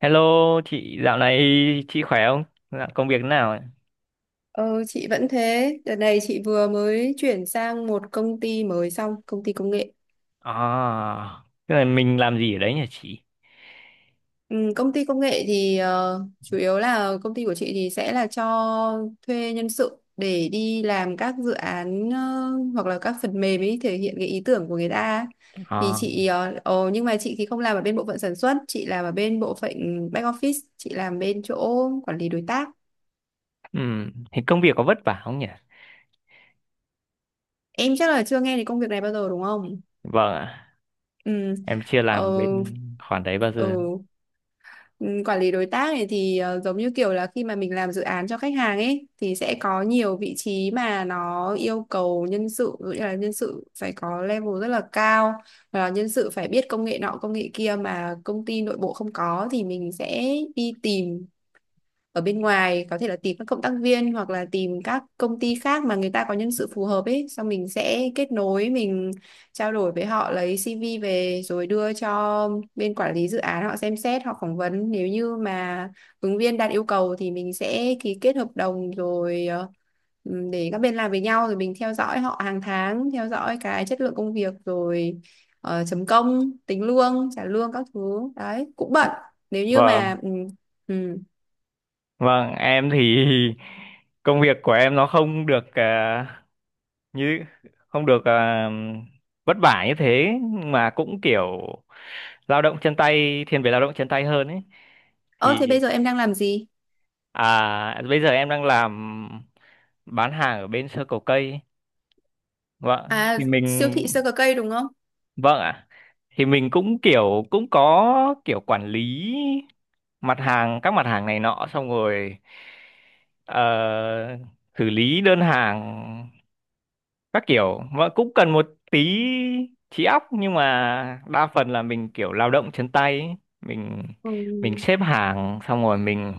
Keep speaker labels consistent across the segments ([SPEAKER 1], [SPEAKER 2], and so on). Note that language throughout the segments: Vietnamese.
[SPEAKER 1] Hello chị, dạo này chị khỏe không? Dạo công việc thế nào? Ạ?
[SPEAKER 2] Ờ, chị vẫn thế. Đợt này chị vừa mới chuyển sang một công ty mới xong, công ty công nghệ.
[SPEAKER 1] À, tức là mình làm gì ở đấy nhỉ chị?
[SPEAKER 2] Ừ, công ty công nghệ thì chủ yếu là công ty của chị thì sẽ là cho thuê nhân sự để đi làm các dự án hoặc là các phần mềm ấy thể hiện cái ý tưởng của người ta. Thì
[SPEAKER 1] À.
[SPEAKER 2] chị nhưng mà chị thì không làm ở bên bộ phận sản xuất, chị làm ở bên bộ phận back office, chị làm bên chỗ quản lý đối tác.
[SPEAKER 1] Thì công việc có vất vả không nhỉ?
[SPEAKER 2] Em chắc là chưa nghe đến công việc này bao giờ đúng không?
[SPEAKER 1] Vâng ạ,
[SPEAKER 2] Ừ.
[SPEAKER 1] em chưa làm
[SPEAKER 2] Ờ,
[SPEAKER 1] bên khoản đấy bao giờ.
[SPEAKER 2] ừ. Ừ, quản lý đối tác này thì giống như kiểu là khi mà mình làm dự án cho khách hàng ấy thì sẽ có nhiều vị trí mà nó yêu cầu nhân sự, ví dụ như là nhân sự phải có level rất là cao và nhân sự phải biết công nghệ nọ công nghệ kia mà công ty nội bộ không có thì mình sẽ đi tìm ở bên ngoài, có thể là tìm các cộng tác viên hoặc là tìm các công ty khác mà người ta có nhân sự phù hợp ấy, xong mình sẽ kết nối, mình trao đổi với họ lấy CV về rồi đưa cho bên quản lý dự án họ xem xét, họ phỏng vấn, nếu như mà ứng viên đạt yêu cầu thì mình sẽ ký kết hợp đồng rồi để các bên làm với nhau, rồi mình theo dõi họ hàng tháng, theo dõi cái chất lượng công việc rồi chấm công, tính lương, trả lương các thứ, đấy cũng bận nếu như
[SPEAKER 1] Vâng,
[SPEAKER 2] mà ừ, ừ,
[SPEAKER 1] vâng, em thì công việc của em nó không được, như không được, vất vả như thế, mà cũng kiểu lao động chân tay, thiên về lao động chân tay hơn ấy.
[SPEAKER 2] Ơ thế
[SPEAKER 1] Thì
[SPEAKER 2] bây giờ em đang làm gì?
[SPEAKER 1] Bây giờ em đang làm bán hàng ở bên sơ cầu cây. Vâng,
[SPEAKER 2] À,
[SPEAKER 1] thì mình,
[SPEAKER 2] siêu thị sơ cờ cây đúng không?
[SPEAKER 1] vâng ạ. Thì mình cũng kiểu, cũng có kiểu quản lý mặt hàng, các mặt hàng này nọ, xong rồi ờ, xử lý đơn hàng các kiểu, và cũng cần một tí trí óc, nhưng mà đa phần là mình kiểu lao động chân tay ấy. mình
[SPEAKER 2] Ừ.
[SPEAKER 1] mình xếp hàng xong rồi mình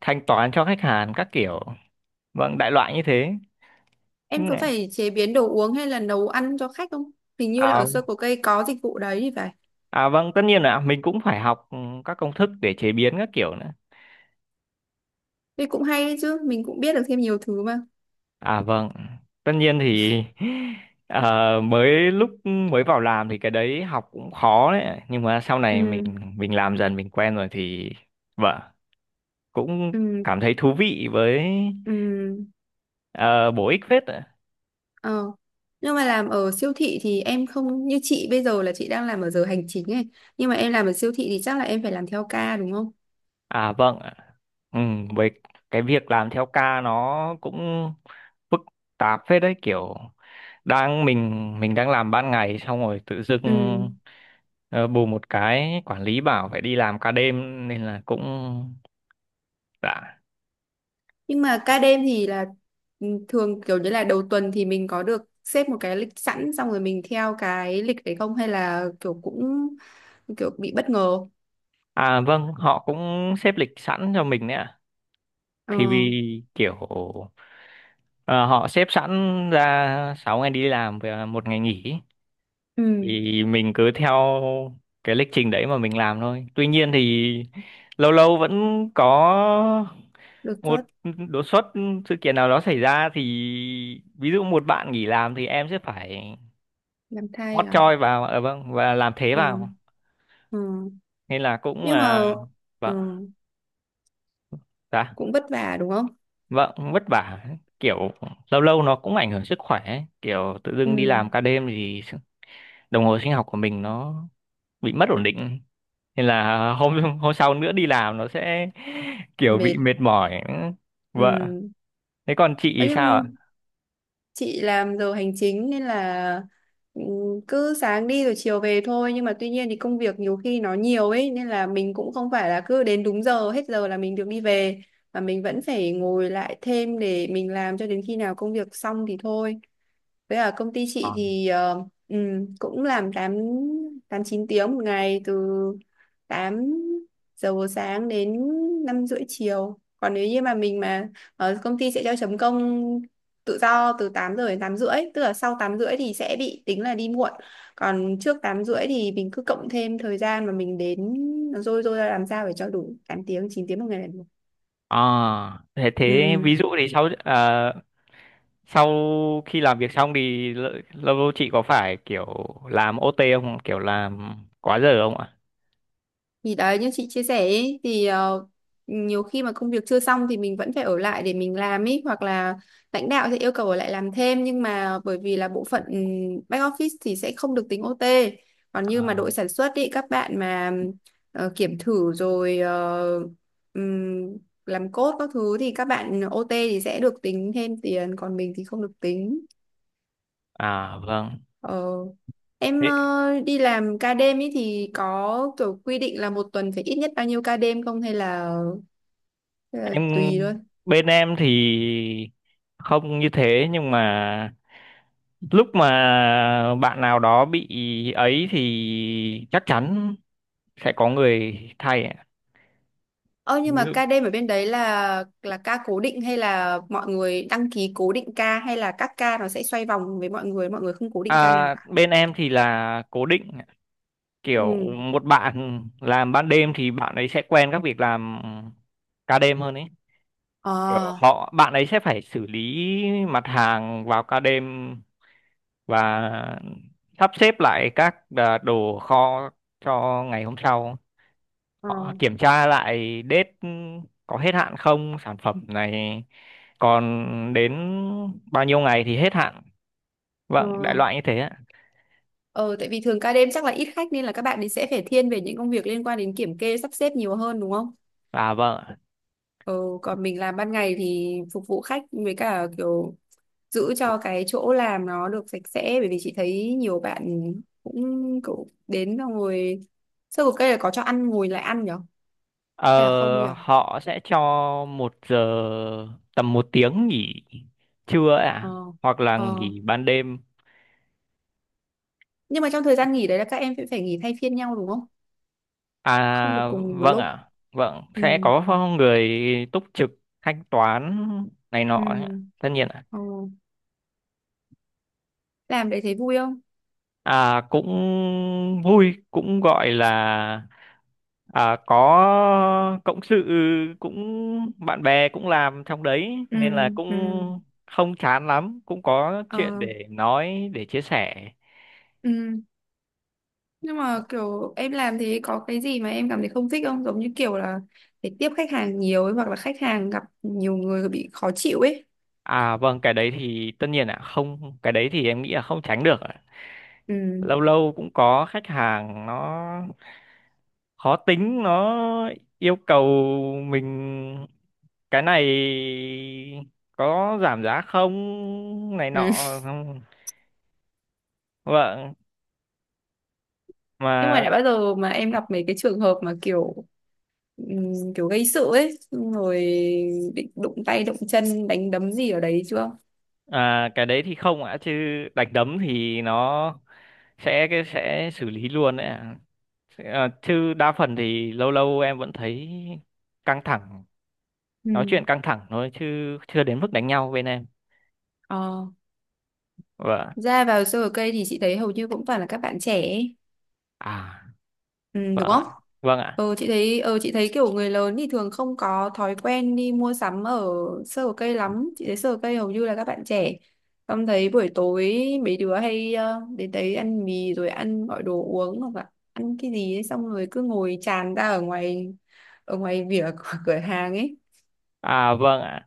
[SPEAKER 1] thanh toán cho khách hàng các kiểu, vâng, đại loại như thế. Ừ.
[SPEAKER 2] Em có phải chế biến đồ uống hay là nấu ăn cho khách không? Hình như là
[SPEAKER 1] à,
[SPEAKER 2] ở sơ cờ cây có dịch vụ đấy thì phải.
[SPEAKER 1] vâng, tất nhiên là mình cũng phải học các công thức để chế biến các kiểu nữa.
[SPEAKER 2] Thế cũng hay đấy chứ, mình cũng biết được thêm nhiều thứ mà.
[SPEAKER 1] Vâng, tất nhiên thì mới lúc mới vào làm thì cái đấy học cũng khó đấy, nhưng mà sau này mình
[SPEAKER 2] Ừ.
[SPEAKER 1] mình làm dần mình quen rồi thì vâng, cũng
[SPEAKER 2] Ừ.
[SPEAKER 1] cảm thấy thú vị với
[SPEAKER 2] Ừ.
[SPEAKER 1] ờ, bổ ích phết ạ.
[SPEAKER 2] Ờ. Nhưng mà làm ở siêu thị thì em không như chị bây giờ là chị đang làm ở giờ hành chính ấy. Nhưng mà em làm ở siêu thị thì chắc là em phải làm theo ca đúng không?
[SPEAKER 1] Vâng ạ. ừ, với cái việc làm theo ca nó cũng phức tạp phết đấy, kiểu đang mình đang làm ban ngày, xong rồi tự
[SPEAKER 2] Ừ.
[SPEAKER 1] dưng ờ, bù một cái quản lý bảo phải đi làm ca đêm, nên là cũng đã.
[SPEAKER 2] Nhưng mà ca đêm thì là thường kiểu như là đầu tuần thì mình có được xếp một cái lịch sẵn, xong rồi mình theo cái lịch đấy, không hay là kiểu cũng kiểu bị bất ngờ.
[SPEAKER 1] Vâng, họ cũng xếp lịch sẵn cho mình đấy ạ,
[SPEAKER 2] Ờ,
[SPEAKER 1] thì vì kiểu ờ, họ xếp sẵn ra 6 ngày đi làm và 1 ngày nghỉ,
[SPEAKER 2] ừ,
[SPEAKER 1] thì mình cứ theo cái lịch trình đấy mà mình làm thôi. Tuy nhiên thì lâu lâu vẫn có
[SPEAKER 2] đột
[SPEAKER 1] một
[SPEAKER 2] xuất
[SPEAKER 1] đột xuất, sự kiện nào đó xảy ra, thì ví dụ một bạn nghỉ làm thì em sẽ phải
[SPEAKER 2] làm thai
[SPEAKER 1] hot
[SPEAKER 2] à?
[SPEAKER 1] choi vào, vâng, và làm thế
[SPEAKER 2] Ờ.
[SPEAKER 1] vào,
[SPEAKER 2] Ừ.
[SPEAKER 1] nên là cũng
[SPEAKER 2] Nhưng mà ừ,
[SPEAKER 1] vâng. Dạ
[SPEAKER 2] cũng vất vả đúng không?
[SPEAKER 1] vâng, vất vả kiểu lâu lâu nó cũng ảnh hưởng sức khỏe ấy. Kiểu tự
[SPEAKER 2] Ừ,
[SPEAKER 1] dưng đi làm ca đêm thì đồng hồ sinh học của mình nó bị mất ổn định, nên là hôm hôm sau nữa đi làm nó sẽ kiểu bị
[SPEAKER 2] mệt.
[SPEAKER 1] mệt mỏi,
[SPEAKER 2] Ừ.
[SPEAKER 1] vâng. Thế còn chị
[SPEAKER 2] Ờ,
[SPEAKER 1] thì sao
[SPEAKER 2] nhưng chị làm giờ hành chính nên là ừ, cứ sáng đi rồi chiều về thôi, nhưng mà tuy nhiên thì công việc nhiều khi nó nhiều ấy nên là mình cũng không phải là cứ đến đúng giờ hết giờ là mình được đi về, mà mình vẫn phải ngồi lại thêm để mình làm cho đến khi nào công việc xong thì thôi. Với ở công ty
[SPEAKER 1] ạ?
[SPEAKER 2] chị thì cũng làm tám, 8 9 tiếng một ngày, từ 8 giờ buổi sáng đến 5 rưỡi chiều. Còn nếu như mà mình mà ở công ty sẽ cho chấm công tự do từ 8 giờ đến 8 rưỡi, tức là sau 8 rưỡi thì sẽ bị tính là đi muộn. Còn trước 8 rưỡi thì mình cứ cộng thêm thời gian mà mình đến, nó rôi rôi ra làm sao để cho đủ 8 tiếng, 9 tiếng một ngày là được.
[SPEAKER 1] À, thế
[SPEAKER 2] Ừ.
[SPEAKER 1] ví dụ thì sau, sau khi làm việc xong thì lâu lâu chị có phải kiểu làm OT không? Kiểu làm quá giờ không ạ?
[SPEAKER 2] Thì đấy như chị chia sẻ ấy, thì nhiều khi mà công việc chưa xong thì mình vẫn phải ở lại để mình làm ấy, hoặc là lãnh đạo sẽ yêu cầu ở lại làm thêm, nhưng mà bởi vì là bộ phận back office thì sẽ không được tính OT. Còn như mà
[SPEAKER 1] À,
[SPEAKER 2] đội sản xuất ý, các bạn mà kiểm thử rồi ừm, làm code các thứ thì các bạn OT thì sẽ được tính thêm tiền, còn mình thì không được tính.
[SPEAKER 1] vâng.
[SPEAKER 2] Ờ. Em
[SPEAKER 1] Thế
[SPEAKER 2] đi làm ca đêm ấy thì có kiểu quy định là một tuần phải ít nhất bao nhiêu ca đêm không, hay là, tùy
[SPEAKER 1] em
[SPEAKER 2] luôn.
[SPEAKER 1] bên em thì không như thế, nhưng mà lúc mà bạn nào đó bị ấy thì chắc chắn sẽ có người thay ạ.
[SPEAKER 2] Ơ nhưng
[SPEAKER 1] Ví
[SPEAKER 2] mà
[SPEAKER 1] dụ-
[SPEAKER 2] ca đêm ở bên đấy là ca cố định hay là mọi người đăng ký cố định ca, hay là các ca nó sẽ xoay vòng với mọi người không cố định ca nào
[SPEAKER 1] À,
[SPEAKER 2] cả.
[SPEAKER 1] bên em thì là cố định, kiểu
[SPEAKER 2] Ừ.
[SPEAKER 1] một bạn làm ban đêm thì bạn ấy sẽ quen các việc làm ca đêm hơn ấy, kiểu
[SPEAKER 2] Ờ.
[SPEAKER 1] bạn ấy sẽ phải xử lý mặt hàng vào ca đêm và sắp xếp lại các, đồ kho cho ngày hôm sau,
[SPEAKER 2] Ờ.
[SPEAKER 1] họ kiểm tra lại date có hết hạn không, sản phẩm này còn đến bao nhiêu ngày thì hết hạn, vâng đại
[SPEAKER 2] Ờ.
[SPEAKER 1] loại như thế ạ.
[SPEAKER 2] Ờ, tại vì thường ca đêm chắc là ít khách nên là các bạn ấy sẽ phải thiên về những công việc liên quan đến kiểm kê, sắp xếp nhiều hơn đúng không?
[SPEAKER 1] Vâng.
[SPEAKER 2] Ừ, còn mình làm ban ngày thì phục vụ khách, với cả kiểu giữ cho cái chỗ làm nó được sạch sẽ, bởi vì chị thấy nhiều bạn cũng cũng đến, xong rồi sơ cục cây là có cho ăn, ngồi lại ăn nhở hay là không
[SPEAKER 1] Ờ,
[SPEAKER 2] nhở.
[SPEAKER 1] họ sẽ cho một giờ tầm 1 tiếng nghỉ trưa ạ
[SPEAKER 2] ờ
[SPEAKER 1] à? Hoặc là
[SPEAKER 2] ờ
[SPEAKER 1] nghỉ ban đêm.
[SPEAKER 2] nhưng mà trong thời gian nghỉ đấy là các em sẽ phải nghỉ thay phiên nhau đúng không, không được cùng nghỉ một
[SPEAKER 1] Vâng
[SPEAKER 2] lúc.
[SPEAKER 1] ạ, vâng,
[SPEAKER 2] Ừ.
[SPEAKER 1] sẽ có người túc trực thanh toán này nọ
[SPEAKER 2] Ừ.
[SPEAKER 1] ấy ạ, tất nhiên ạ.
[SPEAKER 2] Ờ. Làm đấy thấy vui không?
[SPEAKER 1] Cũng vui, cũng gọi là có cộng sự, cũng bạn bè cũng làm trong đấy,
[SPEAKER 2] Ừ.
[SPEAKER 1] nên là
[SPEAKER 2] Ừ.
[SPEAKER 1] cũng không chán lắm, cũng có chuyện
[SPEAKER 2] Ờ.
[SPEAKER 1] để nói, để chia sẻ.
[SPEAKER 2] ừ nhưng mà kiểu em làm thế có cái gì mà em cảm thấy không thích không, giống như kiểu là phải tiếp khách hàng nhiều ấy, hoặc là khách hàng gặp nhiều người bị khó chịu ấy.
[SPEAKER 1] À vâng, cái đấy thì tất nhiên ạ, không, cái đấy thì em nghĩ là không tránh được ạ.
[SPEAKER 2] Ừ.
[SPEAKER 1] Lâu lâu cũng có khách hàng nó khó tính, nó yêu cầu mình cái này có giảm giá không, này
[SPEAKER 2] Ừ.
[SPEAKER 1] nọ, không. Vâng,
[SPEAKER 2] Nhưng mà
[SPEAKER 1] mà
[SPEAKER 2] đã bao giờ mà em gặp mấy cái trường hợp mà kiểu kiểu gây sự ấy, xong rồi định đụng tay đụng chân, đánh đấm gì ở đấy chưa?
[SPEAKER 1] cái đấy thì không ạ, chứ đánh đấm thì nó sẽ, cái sẽ xử lý luôn đấy ạ. Chứ đa phần thì lâu lâu em vẫn thấy căng thẳng,
[SPEAKER 2] Ừ.
[SPEAKER 1] nói chuyện căng thẳng thôi, chứ chưa đến mức đánh nhau bên em,
[SPEAKER 2] Ờ.
[SPEAKER 1] vâng.
[SPEAKER 2] Ra vào sơ ở cây thì chị thấy hầu như cũng toàn là các bạn trẻ ấy.
[SPEAKER 1] à
[SPEAKER 2] Ừ,
[SPEAKER 1] vâng
[SPEAKER 2] đúng
[SPEAKER 1] ạ,
[SPEAKER 2] không?
[SPEAKER 1] vâng ạ.
[SPEAKER 2] Ờ, chị thấy kiểu người lớn thì thường không có thói quen đi mua sắm ở sơ hồ cây lắm. Chị thấy sơ hồ cây hầu như là các bạn trẻ. Em thấy buổi tối mấy đứa hay đến đấy ăn mì rồi ăn, gọi đồ uống hoặc là ăn cái gì ấy, xong rồi cứ ngồi tràn ra ở ngoài, ở ngoài vỉa của cửa hàng ấy.
[SPEAKER 1] À Vâng ạ.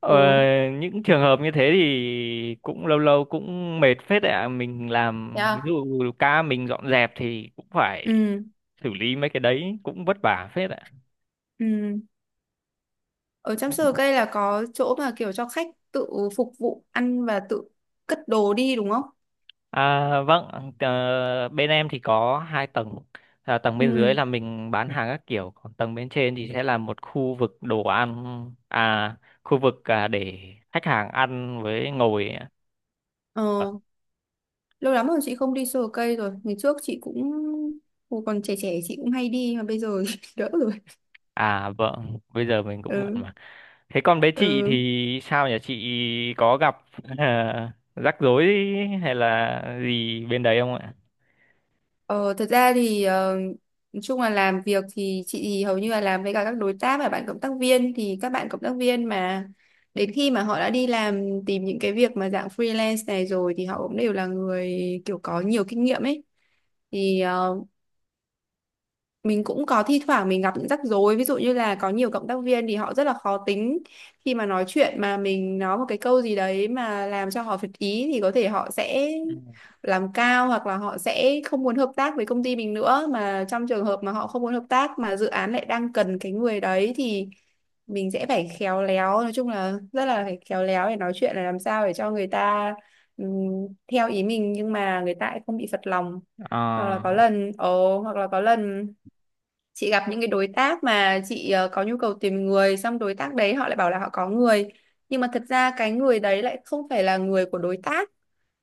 [SPEAKER 1] ờ,
[SPEAKER 2] Ừ.
[SPEAKER 1] những trường hợp như thế thì cũng lâu lâu cũng mệt phết đấy ạ, mình làm ví
[SPEAKER 2] Yeah.
[SPEAKER 1] dụ ca mình dọn dẹp thì cũng phải
[SPEAKER 2] Ừ.
[SPEAKER 1] xử lý mấy cái đấy, cũng vất vả phết ạ.
[SPEAKER 2] Ừ. Ở trong sơ hồ cây là có chỗ mà kiểu cho khách tự phục vụ ăn và tự cất đồ đi đúng không?
[SPEAKER 1] À vâng, bên em thì có hai tầng. À, tầng bên dưới
[SPEAKER 2] Ừ.
[SPEAKER 1] là mình bán hàng các kiểu, còn tầng bên trên thì sẽ là một khu vực đồ ăn, à, khu vực, để khách hàng ăn với ngồi. Vâng.
[SPEAKER 2] Ờ. Lâu lắm rồi chị không đi sờ cây rồi, ngày trước chị cũng, hồi còn trẻ trẻ chị cũng hay đi, mà bây giờ đỡ rồi.
[SPEAKER 1] Vâng, bây giờ mình cũng bận
[SPEAKER 2] Ừ.
[SPEAKER 1] mà. Thế còn bé chị
[SPEAKER 2] Ừ.
[SPEAKER 1] thì sao nhỉ? Chị có gặp rắc rối hay là gì bên đấy không ạ?
[SPEAKER 2] ờ, Thật ra thì nói chung là làm việc thì chị thì hầu như là làm với cả các đối tác và bạn cộng tác viên, thì các bạn cộng tác viên mà đến khi mà họ đã đi làm tìm những cái việc mà dạng freelance này rồi thì họ cũng đều là người kiểu có nhiều kinh nghiệm ấy, thì mình cũng có thi thoảng mình gặp những rắc rối, ví dụ như là có nhiều cộng tác viên thì họ rất là khó tính, khi mà nói chuyện mà mình nói một cái câu gì đấy mà làm cho họ phật ý thì có thể họ sẽ
[SPEAKER 1] Ừ.
[SPEAKER 2] làm cao, hoặc là họ sẽ không muốn hợp tác với công ty mình nữa, mà trong trường hợp mà họ không muốn hợp tác mà dự án lại đang cần cái người đấy thì mình sẽ phải khéo léo, nói chung là rất là phải khéo léo để nói chuyện, là làm sao để cho người ta ừm, theo ý mình nhưng mà người ta lại không bị phật lòng. Hoặc là
[SPEAKER 1] ờ
[SPEAKER 2] có lần ồ hoặc là có lần chị gặp những cái đối tác mà chị có nhu cầu tìm người, xong đối tác đấy họ lại bảo là họ có người, nhưng mà thật ra cái người đấy lại không phải là người của đối tác,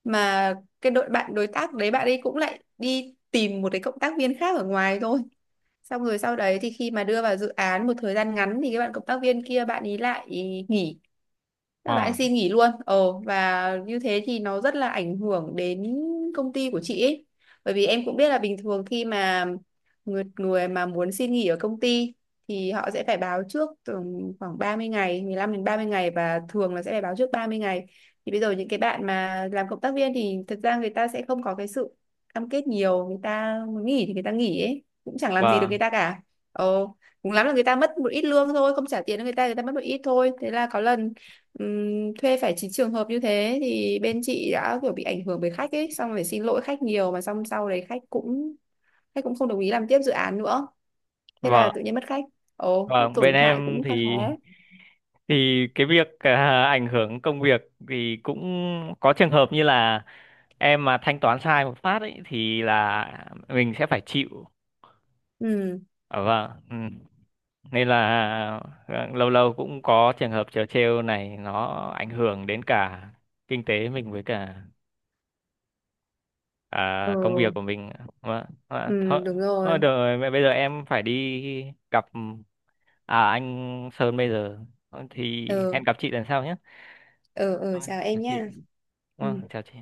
[SPEAKER 2] mà cái đội bạn đối tác đấy bạn ấy cũng lại đi tìm một cái cộng tác viên khác ở ngoài thôi, xong rồi sau đấy thì khi mà đưa vào dự án một thời gian ngắn thì cái bạn cộng tác viên kia bạn ấy lại nghỉ, các bạn ấy
[SPEAKER 1] ờ
[SPEAKER 2] xin nghỉ luôn, và như thế thì nó rất là ảnh hưởng đến công ty của chị ấy, bởi vì em cũng biết là bình thường khi mà người mà muốn xin nghỉ ở công ty thì họ sẽ phải báo trước từ khoảng 30 ngày, 15 đến 30 ngày, và thường là sẽ phải báo trước 30 ngày, thì bây giờ những cái bạn mà làm cộng tác viên thì thật ra người ta sẽ không có cái sự cam kết nhiều, người ta muốn nghỉ thì người ta nghỉ ấy, cũng chẳng làm gì được người
[SPEAKER 1] Vâng,
[SPEAKER 2] ta cả. ồ Cũng lắm là người ta mất một ít lương thôi, không trả tiền cho người ta, người ta mất một ít thôi, thế là có lần thuê phải chín trường hợp như thế thì bên chị đã kiểu bị ảnh hưởng bởi khách ấy, xong phải xin lỗi khách nhiều, mà xong sau đấy khách cũng không đồng ý làm tiếp dự án nữa, thế là
[SPEAKER 1] vâng.
[SPEAKER 2] tự nhiên mất khách.
[SPEAKER 1] Vâng, bên
[SPEAKER 2] Tổn hại
[SPEAKER 1] em
[SPEAKER 2] cũng khá khá.
[SPEAKER 1] thì, cái việc, ảnh hưởng công việc thì cũng có trường hợp như là em mà thanh toán sai một phát ấy thì là mình sẽ phải chịu.
[SPEAKER 2] Ừ.
[SPEAKER 1] Ờ, vâng. Ừ. Nên là lâu lâu cũng có trường hợp trớ trêu này, nó ảnh hưởng đến cả kinh tế mình, với cả công
[SPEAKER 2] Ừ.
[SPEAKER 1] việc của mình mà. Thôi,
[SPEAKER 2] Ừ. Đúng rồi.
[SPEAKER 1] được rồi mẹ, bây giờ em phải đi gặp anh Sơn, bây giờ thì
[SPEAKER 2] Ừ.
[SPEAKER 1] hẹn gặp chị lần sau nhé.
[SPEAKER 2] Ừ. Ừ.
[SPEAKER 1] Thôi,
[SPEAKER 2] Chào
[SPEAKER 1] chào
[SPEAKER 2] em
[SPEAKER 1] chị.
[SPEAKER 2] nhá. Ừ
[SPEAKER 1] Vâng, chào chị.